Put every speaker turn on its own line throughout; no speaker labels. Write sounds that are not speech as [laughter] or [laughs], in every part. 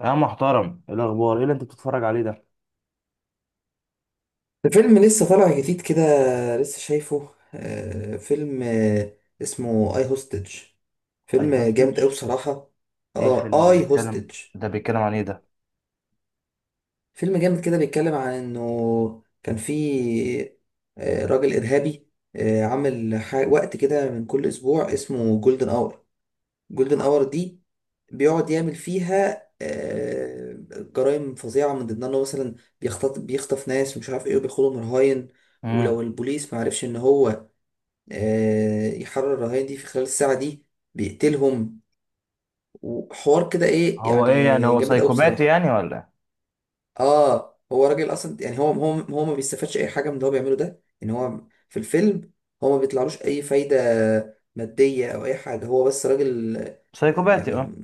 يا محترم، ايه الاخبار؟ ايه اللي انت بتتفرج عليه ده؟
ده فيلم لسه طالع جديد كده. لسه شايفه. فيلم اسمه اي هوستج.
اي
فيلم
هوستج.
جامد قوي بصراحة.
ايه الفيلم ده
اه، اي
بيتكلم؟
هوستج.
ده بيتكلم عن ايه ده؟
فيلم جامد كده، بيتكلم عن انه كان في راجل ارهابي. عامل وقت كده من كل اسبوع، اسمه جولدن اور. جولدن اور دي بيقعد يعمل فيها جرائم فظيعة، من ضمنها انه مثلا بيخطف ناس ومش عارف ايه، وبياخدهم رهاين.
امم
ولو البوليس ما عرفش ان هو يحرر الرهاين دي في خلال الساعة دي، بيقتلهم. وحوار كده، ايه
هو ايه يعني؟
يعني،
هو
جامد قوي
سايكوباتي
بصراحة.
يعني ولا إيه؟
اه، هو راجل اصلا يعني، هو ما بيستفادش اي حاجه من اللي هو بيعمله ده، ان هو في الفيلم هو ما بيطلعلوش اي فايده ماديه او اي حاجه. هو بس راجل
سايكوباتي،
يعني.
اه.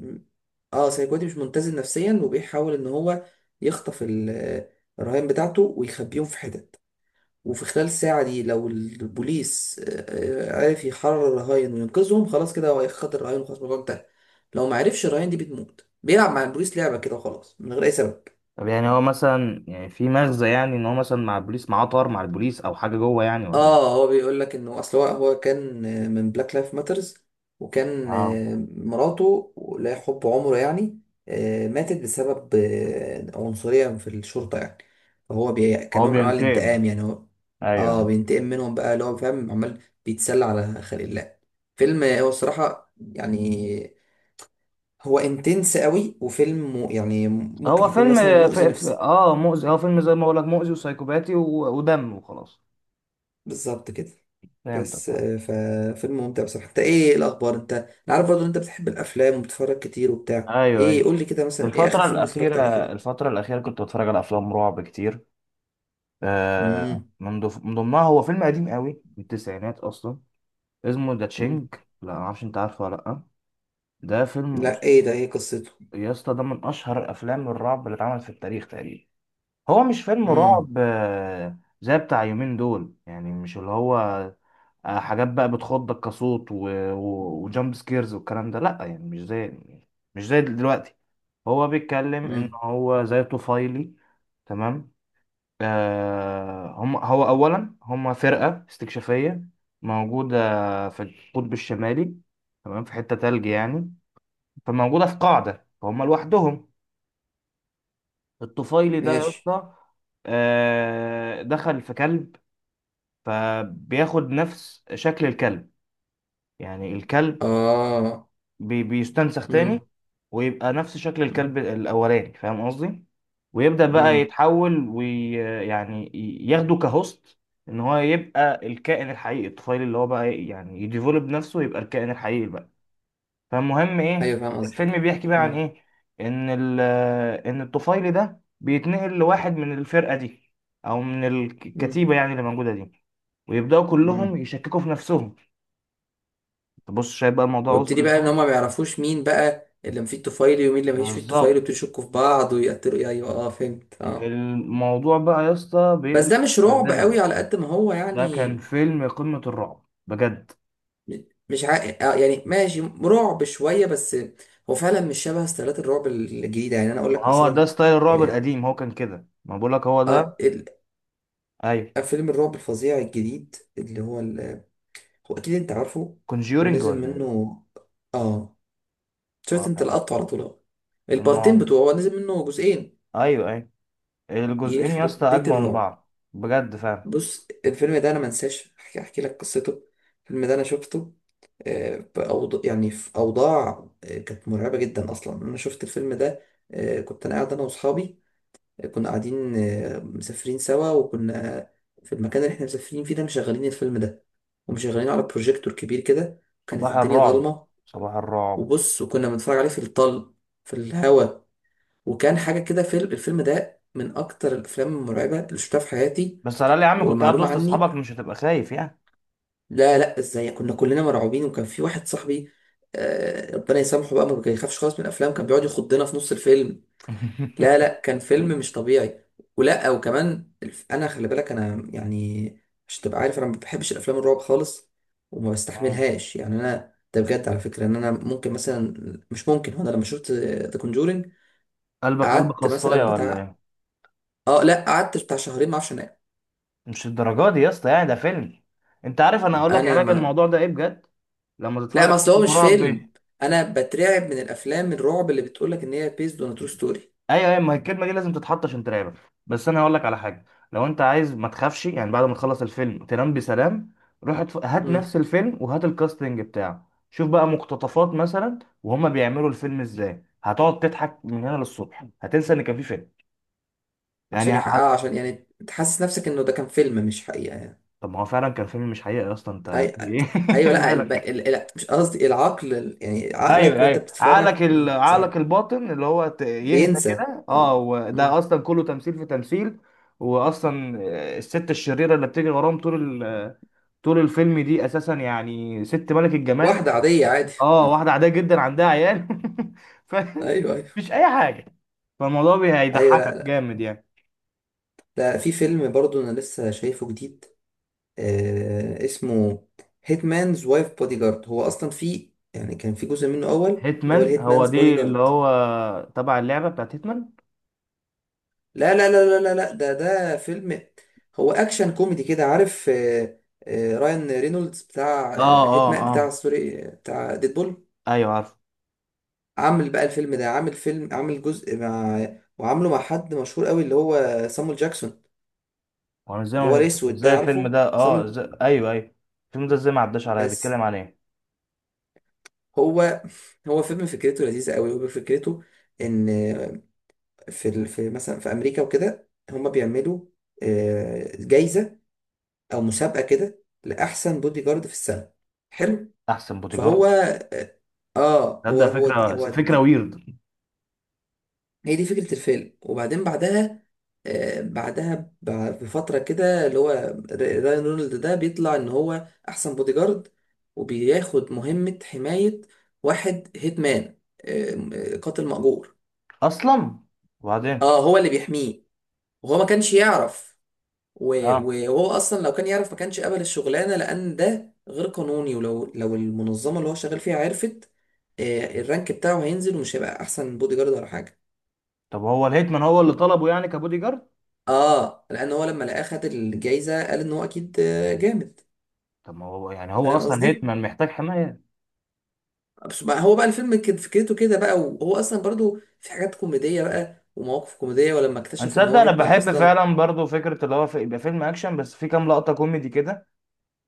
اه سايكوتي، مش متزن نفسيا، وبيحاول ان هو يخطف الرهائن بتاعته ويخبيهم في حتت. وفي خلال الساعه دي، لو البوليس عرف يحرر الرهائن وينقذهم، خلاص كده هو خد الرهائن وخلاص الموضوع انتهى. لو ما عرفش، الرهائن دي بتموت. بيلعب مع البوليس لعبه كده وخلاص، من غير اي سبب.
طب يعني هو مثلا يعني في مغزى يعني ان هو مثلا مع البوليس، معاه طار مع البوليس او حاجه جوه يعني ولا
اه،
إيه؟
هو بيقول لك انه اصل هو كان من بلاك لايف ماترز. وكان
اه،
مراته، لا، حب عمره يعني، ماتت بسبب عنصرية في الشرطة يعني. فهو كان
هو
نوع من انواع
بينتقم.
الانتقام يعني. هو
ايوه
اه
أيوة.
بينتقم منهم بقى، اللي هو فاهم، عمال بيتسلى على خلق الله. فيلم هو الصراحة يعني هو انتنس قوي، وفيلم يعني ممكن
هو
يكون
فيلم
مثلا مؤذي نفسيا.
اه مؤذي. هو فيلم زي ما بقول لك، مؤذي وسايكوباتي و... ودم وخلاص.
بالظبط كده.
فهمتك
بس
آه.
ففيلم ممتع بصراحة. انت ايه، الاخبار؟ انا عارف برضه ان انت بتحب الافلام وبتتفرج كتير وبتاع
ايوه
ايه.
ايوه.
قول لي كده مثلا، ايه اخر
الفترة
فيلم اتفرجت
الأخيرة،
عليه حلو؟
الفترة الأخيرة كنت بتفرج على أفلام رعب كتير. آه،
امم.
من ضمنها هو فيلم قديم قوي من التسعينات اصلا، اسمه ذا تشينج.
امم.
لا ما اعرفش، انت عارفه ولا لا؟ ده فيلم
لا، ايه ده؟ ايه قصته؟
يا اسطى ده من اشهر افلام الرعب اللي اتعملت في التاريخ تقريبا. هو مش فيلم
امم.
رعب زي بتاع يومين دول، يعني مش اللي هو حاجات بقى بتخضك كصوت و... و... وجامب سكيرز والكلام ده، لا يعني مش زي، مش زي دلوقتي. هو بيتكلم ان
امم.
هو زي طفيلي، تمام. آه، هم هو أولا، هم فرقة استكشافية موجودة في القطب الشمالي، تمام، في حتة تلج يعني. فموجودة في قاعدة، فهم لوحدهم. الطفيلي ده يا
ماشي.
اسطى دخل في كلب، فبياخد نفس شكل الكلب، يعني الكلب
اه.
بي بيستنسخ تاني
امم.
ويبقى نفس شكل
امم.
الكلب الأولاني، فاهم قصدي؟ ويبدأ بقى
أمم.
يتحول ويعني ياخده كهوست، إن هو يبقى الكائن الحقيقي، الطفيل اللي هو بقى إيه، يعني يديفولب نفسه ويبقى الكائن الحقيقي بقى. فالمهم إيه،
ايوه، فاهم
الفيلم
قصدك.
بيحكي بقى عن
امم.
إيه؟ إن ال إن الطفيل ده بيتنقل لواحد من الفرقة دي أو من
امم.
الكتيبة يعني اللي موجودة دي، ويبدأوا كلهم
امم.
يشككوا في نفسهم. تبص شايف بقى الموضوع وصل
ويبتدي بقى ان هما
لفين؟
ما بيعرفوش مين بقى اللي مفيه الطفيلي ومين اللي مفيش فيه الطفيلي،
بالظبط.
ويبتدوا يشكوا في بعض ويقتلوا. ايوه، اه، فهمت، اه.
الموضوع بقى يا اسطى
بس
بيقلب
ده مش رعب
دموي.
قوي على قد ما هو
ده
يعني.
كان فيلم قمة الرعب بجد.
م- مش ع... يعني ماشي، رعب شويه بس. هو فعلا مش شبه ستايلات الرعب الجديده يعني. انا اقول
ما
لك
هو ده
مثلا،
ستايل الرعب
اه
القديم، هو كان كده، ما بقولك هو ده.
آه، ال-
ايوه.
فيلم الرعب الفظيع الجديد اللي هو هو اكيد انت عارفه.
كونجيورنج
ونزل
ولا ايه.
منه. اه. شفت
اه
انت لقطته على طول أهو.
كان
البارتين
أما-
بتوعه، هو نزل منه جزئين.
ايوه ايوه، الجزئين يا اسطى
يخرب
اجمل
بيت
من
الرعب.
بعض بجد فعلا.
بص الفيلم ده انا ما انساش احكي لك قصته. الفيلم ده انا شفته يعني في اوضاع كانت مرعبه جدا اصلا. انا شفت الفيلم ده كنت انا قاعد، انا واصحابي. كنا قاعدين مسافرين سوا، وكنا في المكان اللي احنا مسافرين فيه ده مشغلين الفيلم ده، ومشغلينه على بروجيكتور كبير كده. كانت
صباح
الدنيا
الرعب.
ضلمه،
صباح الرعب.
وبص، وكنا بنتفرج عليه في الطل، في الهوا. وكان حاجه كده. الفيلم ده من اكتر الافلام المرعبه اللي شفتها في حياتي.
بس على الأقل يا عم كنت قاعد
ومعلومه
وسط
عني،
اصحابك، مش هتبقى خايف يعني.
لا، لا، ازاي؟ كنا كلنا مرعوبين، وكان في واحد صاحبي، ربنا يسامحه بقى، ما بيخافش خالص من الافلام، كان بيقعد يخضنا في نص الفيلم. لا،
[laughs]
لا، كان فيلم مش طبيعي. ولا وكمان انا خلي بالك انا يعني، مش تبقى عارف، انا ما بحبش الافلام الرعب خالص وما
مم.
بستحملهاش يعني. انا ده بجد على فكره، ان انا ممكن مثلا، مش ممكن. هو انا لما شفت ذا كونجورينج
قلبك قلب
قعدت
خصايه
مثلا
ولا
بتاع،
ايه؟
اه، لا، قعدت بتاع شهرين ما اعرفش انام.
مش الدرجات دي يا اسطى، يعني ده فيلم. انت عارف، انا هقول لك
انا
علاج
ما
الموضوع ده ايه بجد. لما تتفرج
لا، ما
على
اصل هو
فيلم
مش
رعب،
فيلم، انا بترعب من الافلام الرعب اللي بتقولك ان هي بيزد اون ترو ستوري.
ايوه ايوه، ما هي الكلمه دي لازم تتحط عشان ترعبك، بس انا هقول لك على حاجه. لو انت عايز ما تخافش، يعني بعد ما تخلص الفيلم تنام بسلام، روح هات
امم.
نفس الفيلم وهات الكاستنج بتاعه، شوف بقى مقتطفات مثلا وهما بيعملوا الفيلم ازاي، هتقعد تضحك من هنا للصبح، هتنسى ان كان في فيلم يعني
عشان يعني تحسس نفسك انه ده كان فيلم مش حقيقة يعني.
طب ما هو فعلا كان فيلم مش حقيقي اصلا، انت
أي...
في ايه؟
ايوه،
[laughs]
لا
مالك.
مش قصدي العقل، يعني عقلك
ايوه
وانت
ايوه،
بتتفرج، اه،
عقلك
ساعات
الباطن اللي هو يهدى
بينسى.
كده اه،
اه.
وده
امم.
اصلا كله تمثيل في تمثيل. واصلا آه، الست الشريره اللي بتجري وراهم طول طول الفيلم، دي اساسا يعني ست ملك الجمال.
واحدة عادية، عادي.
اه واحده عاديه جدا عندها عيال. [laughs] ف
ايوه، ايوه،
مفيش اي حاجه. فالموضوع
ايوه.
هيضحكك
لا،
جامد يعني.
لا، في فيلم برضو انا لسه شايفه جديد اسمه هيتمانز وايف بودي جارد. هو اصلا في يعني كان في جزء منه اول، اللي هو
هيتمان، هو
الهيتمانز بودي
دي اللي
جارد.
هو تبع اللعبه بتاعت هيتمان.
لا، لا، لا، لا، لا، لا، ده فيلم هو اكشن كوميدي كده، عارف. رايان رينولدز بتاع
اه اه
هيتمان
اه،
بتاع، سوري، بتاع ديدبول.
ايوه عارف.
عامل بقى الفيلم ده، عامل جزء مع، وعامله مع حد مشهور قوي اللي هو سامويل جاكسون،
وانا ازاي
اللي هو الاسود ده،
ازاي الفيلم
عارفه
ده اه
سامويل.
ازاي؟ ايوه ايوه، الفيلم ده ازاي ما عداش عليا؟
بس
بيتكلم عن ايه؟
هو هو فيلم فكرته لذيذة قوي. وفكرته ان في مثلا في امريكا وكده هم بيعملوا جايزه او مسابقه كده لاحسن بودي جارد في السنه. حلو.
احسن
فهو،
بوديجارد.
اه، آه، هو
تصدق
هو دي
فكره،
هو
فكره
دي
ويرد.
هي دي فكره الفيلم. وبعدين بعدها، بعدها بفتره كده، اللي هو رايان رونالد ده بيطلع ان هو احسن بودي جارد، وبياخد مهمه حمايه واحد هيتمان، قاتل مأجور.
اصلا وبعدين
اه، هو اللي بيحميه وهو ما كانش يعرف.
اه،
وهو اصلا لو كان يعرف ما كانش قبل الشغلانه، لان ده غير قانوني. ولو المنظمه اللي هو شغال فيها عرفت، الرانك بتاعه هينزل، ومش هيبقى احسن بودي جارد ولا حاجه.
طب هو الهيتمان هو اللي طلبه يعني كبودي جارد؟
اه، لان هو لما لقاه خد الجايزه، قال ان هو اكيد جامد.
طب ما هو يعني هو
فاهم
اصلا
قصدي.
هيتمان محتاج حمايه؟
هو بقى الفيلم كان فكرته كده بقى، وهو اصلا برضو في حاجات كوميديه بقى ومواقف كوميديه، ولما اكتشف ان هو
هنصدق. انا
هيتمان
بحب
اصلا.
فعلا برضو فكره اللي هو يبقى فيلم اكشن بس في كام لقطه كوميدي كده.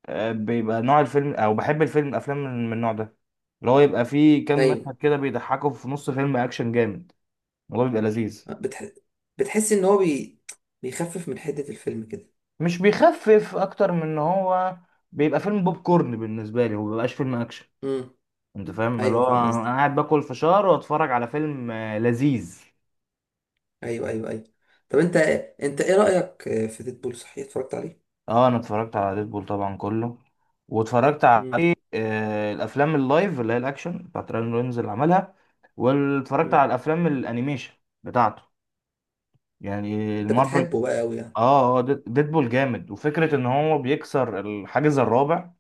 آه، بيبقى نوع الفيلم، او بحب الفيلم الافلام من النوع ده، اللي هو يبقى فيه كام
ايوه.
مشهد كده بيضحكوا في نص فيلم اكشن جامد. الموضوع بيبقى لذيذ.
بتح... بتحس ان هو بيخفف من حده الفيلم كده.
مش بيخفف، اكتر من ان هو بيبقى فيلم بوب كورن بالنسبه لي، هو مبيبقاش فيلم اكشن.
امم.
انت فاهم، اللي
ايوه،
هو
فاهم
انا
قصدي.
قاعد باكل فشار واتفرج على فيلم لذيذ.
ايوه، ايوه، ايوه. طب انت، انت ايه رأيك في ديدبول؟ صحيح، اتفرجت عليه؟
اه انا اتفرجت على ديدبول طبعا كله، واتفرجت
امم.
على الافلام اللايف اللي هي الاكشن بتاعت راين رينز اللي عملها، واتفرجت على
امم.
الافلام الانيميشن بتاعته، يعني
انت
المارفل.
بتحبه بقى قوي يعني؟
اه اه، ديدبول جامد، وفكره ان هو بيكسر الحاجز الرابع،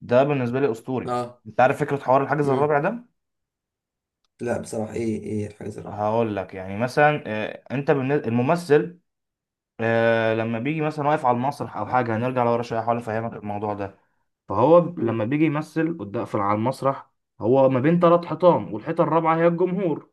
ده بالنسبه لي اسطوري.
اه.
انت عارف فكره حوار الحاجز
امم.
الرابع ده؟
لا بصراحة، ايه الحاجة الرابعة؟
هقول لك، يعني مثلا انت بالنسبة الممثل لما بيجي مثلا واقف على المسرح او حاجه، هنرجع لورا شويه احاول افهمك الموضوع ده. فهو لما
امم.
بيجي يمثل قدام في على المسرح، هو ما بين ثلاث حيطان، والحيطه الرابعه هي الجمهور،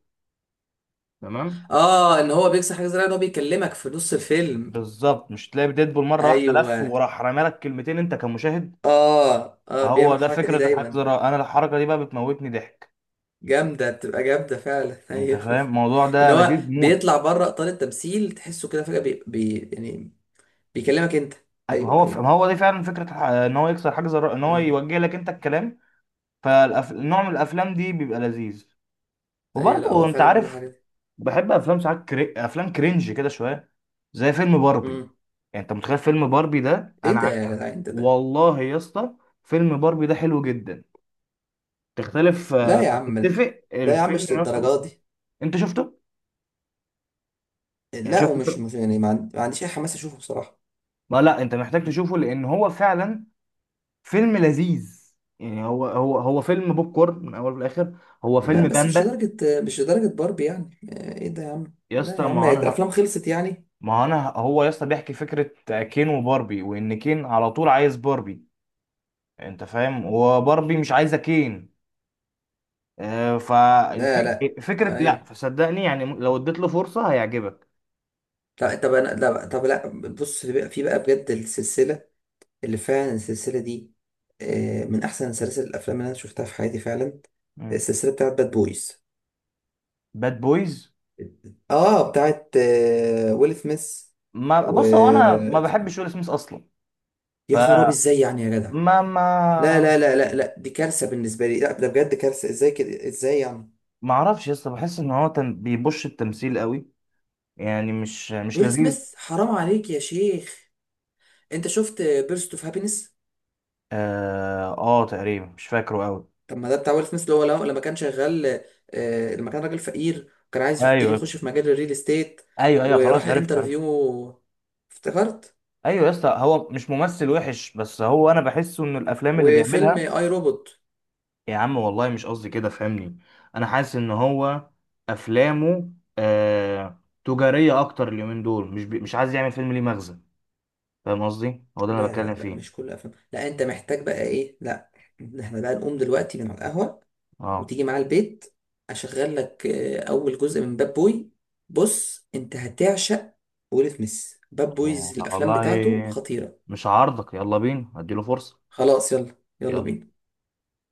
تمام؟
اه، ان هو بيكسر حاجة زي الرابعة، ان هو بيكلمك في نص الفيلم.
بالظبط. مش تلاقي ديدبول مره واحده لف
ايوه،
وراح رمى لك كلمتين انت كمشاهد؟
اه، اه، بيعمل
هو ده
الحركة
فكره
دي
الحجز
دايما.
انا الحركه دي بقى بتموتني ضحك.
جامدة، بتبقى جامدة فعلا. [laughs]
انت
ايوه.
فاهم الموضوع
ان
ده
هو
لذيذ موت.
بيطلع بره اطار التمثيل، تحسه كده فجأة يعني بيكلمك انت.
ما
ايوه،
هو
ايوه،
ما هو دي فعلا فكره ان هو يكسر حجز ان هو
ايوه،
يوجه لك انت الكلام. فالنوع من الافلام دي بيبقى لذيذ.
ايوه. لا هو
وبرضه انت
فعلا بيعمل
عارف،
حاجة.
بحب افلام ساعات افلام كرنج كده شويه، زي فيلم باربي.
امم.
يعني انت متخيل فيلم باربي ده؟ انا
ايه ده يا جدعان؟ انت
والله يا اسطى، فيلم باربي ده حلو جدا. تختلف
لا
آه،
يا عم،
تتفق،
ده يا عم
الفيلم
مش
يا اسطى أسطوري.
للدرجه دي.
انت شفته؟ يعني
لا،
شفت
ومش
الفيلم؟
مش يعني، ما عنديش اي حماس اشوفه بصراحه.
ما لا انت محتاج تشوفه، لان هو فعلا فيلم لذيذ. يعني هو فيلم بوب كورن من اول لاخر، هو
لا
فيلم
بس مش
بامبا.
لدرجه، مش لدرجه باربي يعني. ايه ده يا عم؟
يا
لا
اسطى،
يا عم،
ما انا
الافلام خلصت يعني؟
ما هو انا هو يا اسطى بيحكي فكره كين وباربي، وان كين على طول عايز باربي، انت فاهم، وباربي مش عايزه كين،
لا، لا.
فالفك فكره. لا
ايوه،
فصدقني يعني، لو اديت له فرصه هيعجبك.
لا طب انا، لا طب، لا بص، في بقى بجد السلسله، اللي فعلا السلسله دي من احسن سلاسل الافلام اللي انا شفتها في حياتي فعلا.
مم.
السلسله بتاعت باد بويز.
باد بويز.
اه، بتاعت ويل سميث.
ما
و،
بص، هو انا ما بحبش ويل سميث اصلا.
يا خراب،
فما
ازاي يعني يا جدع؟
ما
لا، لا،
ما
لا، لا، لا، دي كارثة بالنسبة لي. لا ده بجد كارثة، ازاي كده، ازاي يعني؟
ما اعرفش يا اسطى، بحس ان هو بيبش التمثيل قوي، يعني مش
ويل
لذيذ.
سميث، حرام عليك يا شيخ. انت شفت بيرست اوف هابينس؟
اه، آه تقريبا مش فاكره قوي.
طب ما ده بتاع ويل سميث، اللي هو لما كان شغال، لما كان راجل فقير وكان عايز يبتدي
ايوه
يخش في مجال الريل استيت،
ايوه ايوه،
وراح
خلاص عرفت عرفت.
الانترفيو. افتكرت؟
ايوه يا اسطى، هو مش ممثل وحش، بس هو انا بحسه ان الافلام اللي
وفيلم
بيعملها،
اي روبوت.
يا عم والله مش قصدي كده، فهمني. انا حاسس ان هو افلامه آه تجاريه اكتر اليومين دول، مش عايز يعمل فيلم ليه مغزى. فاهم قصدي، هو ده اللي انا
لا، لا،
بتكلم
لا، مش
فيه.
كل افلام، لا. انت محتاج بقى ايه؟ لا، احنا بقى نقوم دلوقتي من على القهوة
اه،
وتيجي معاه البيت، اشغل لك اول جزء من باد بوي. بص انت هتعشق. ويل سميث باد
يا
بويز، الافلام بتاعته
والله
خطيرة.
مش عارضك، يلا بينا اديله فرصه.
خلاص، يلا. يلا
يلا.
بينا.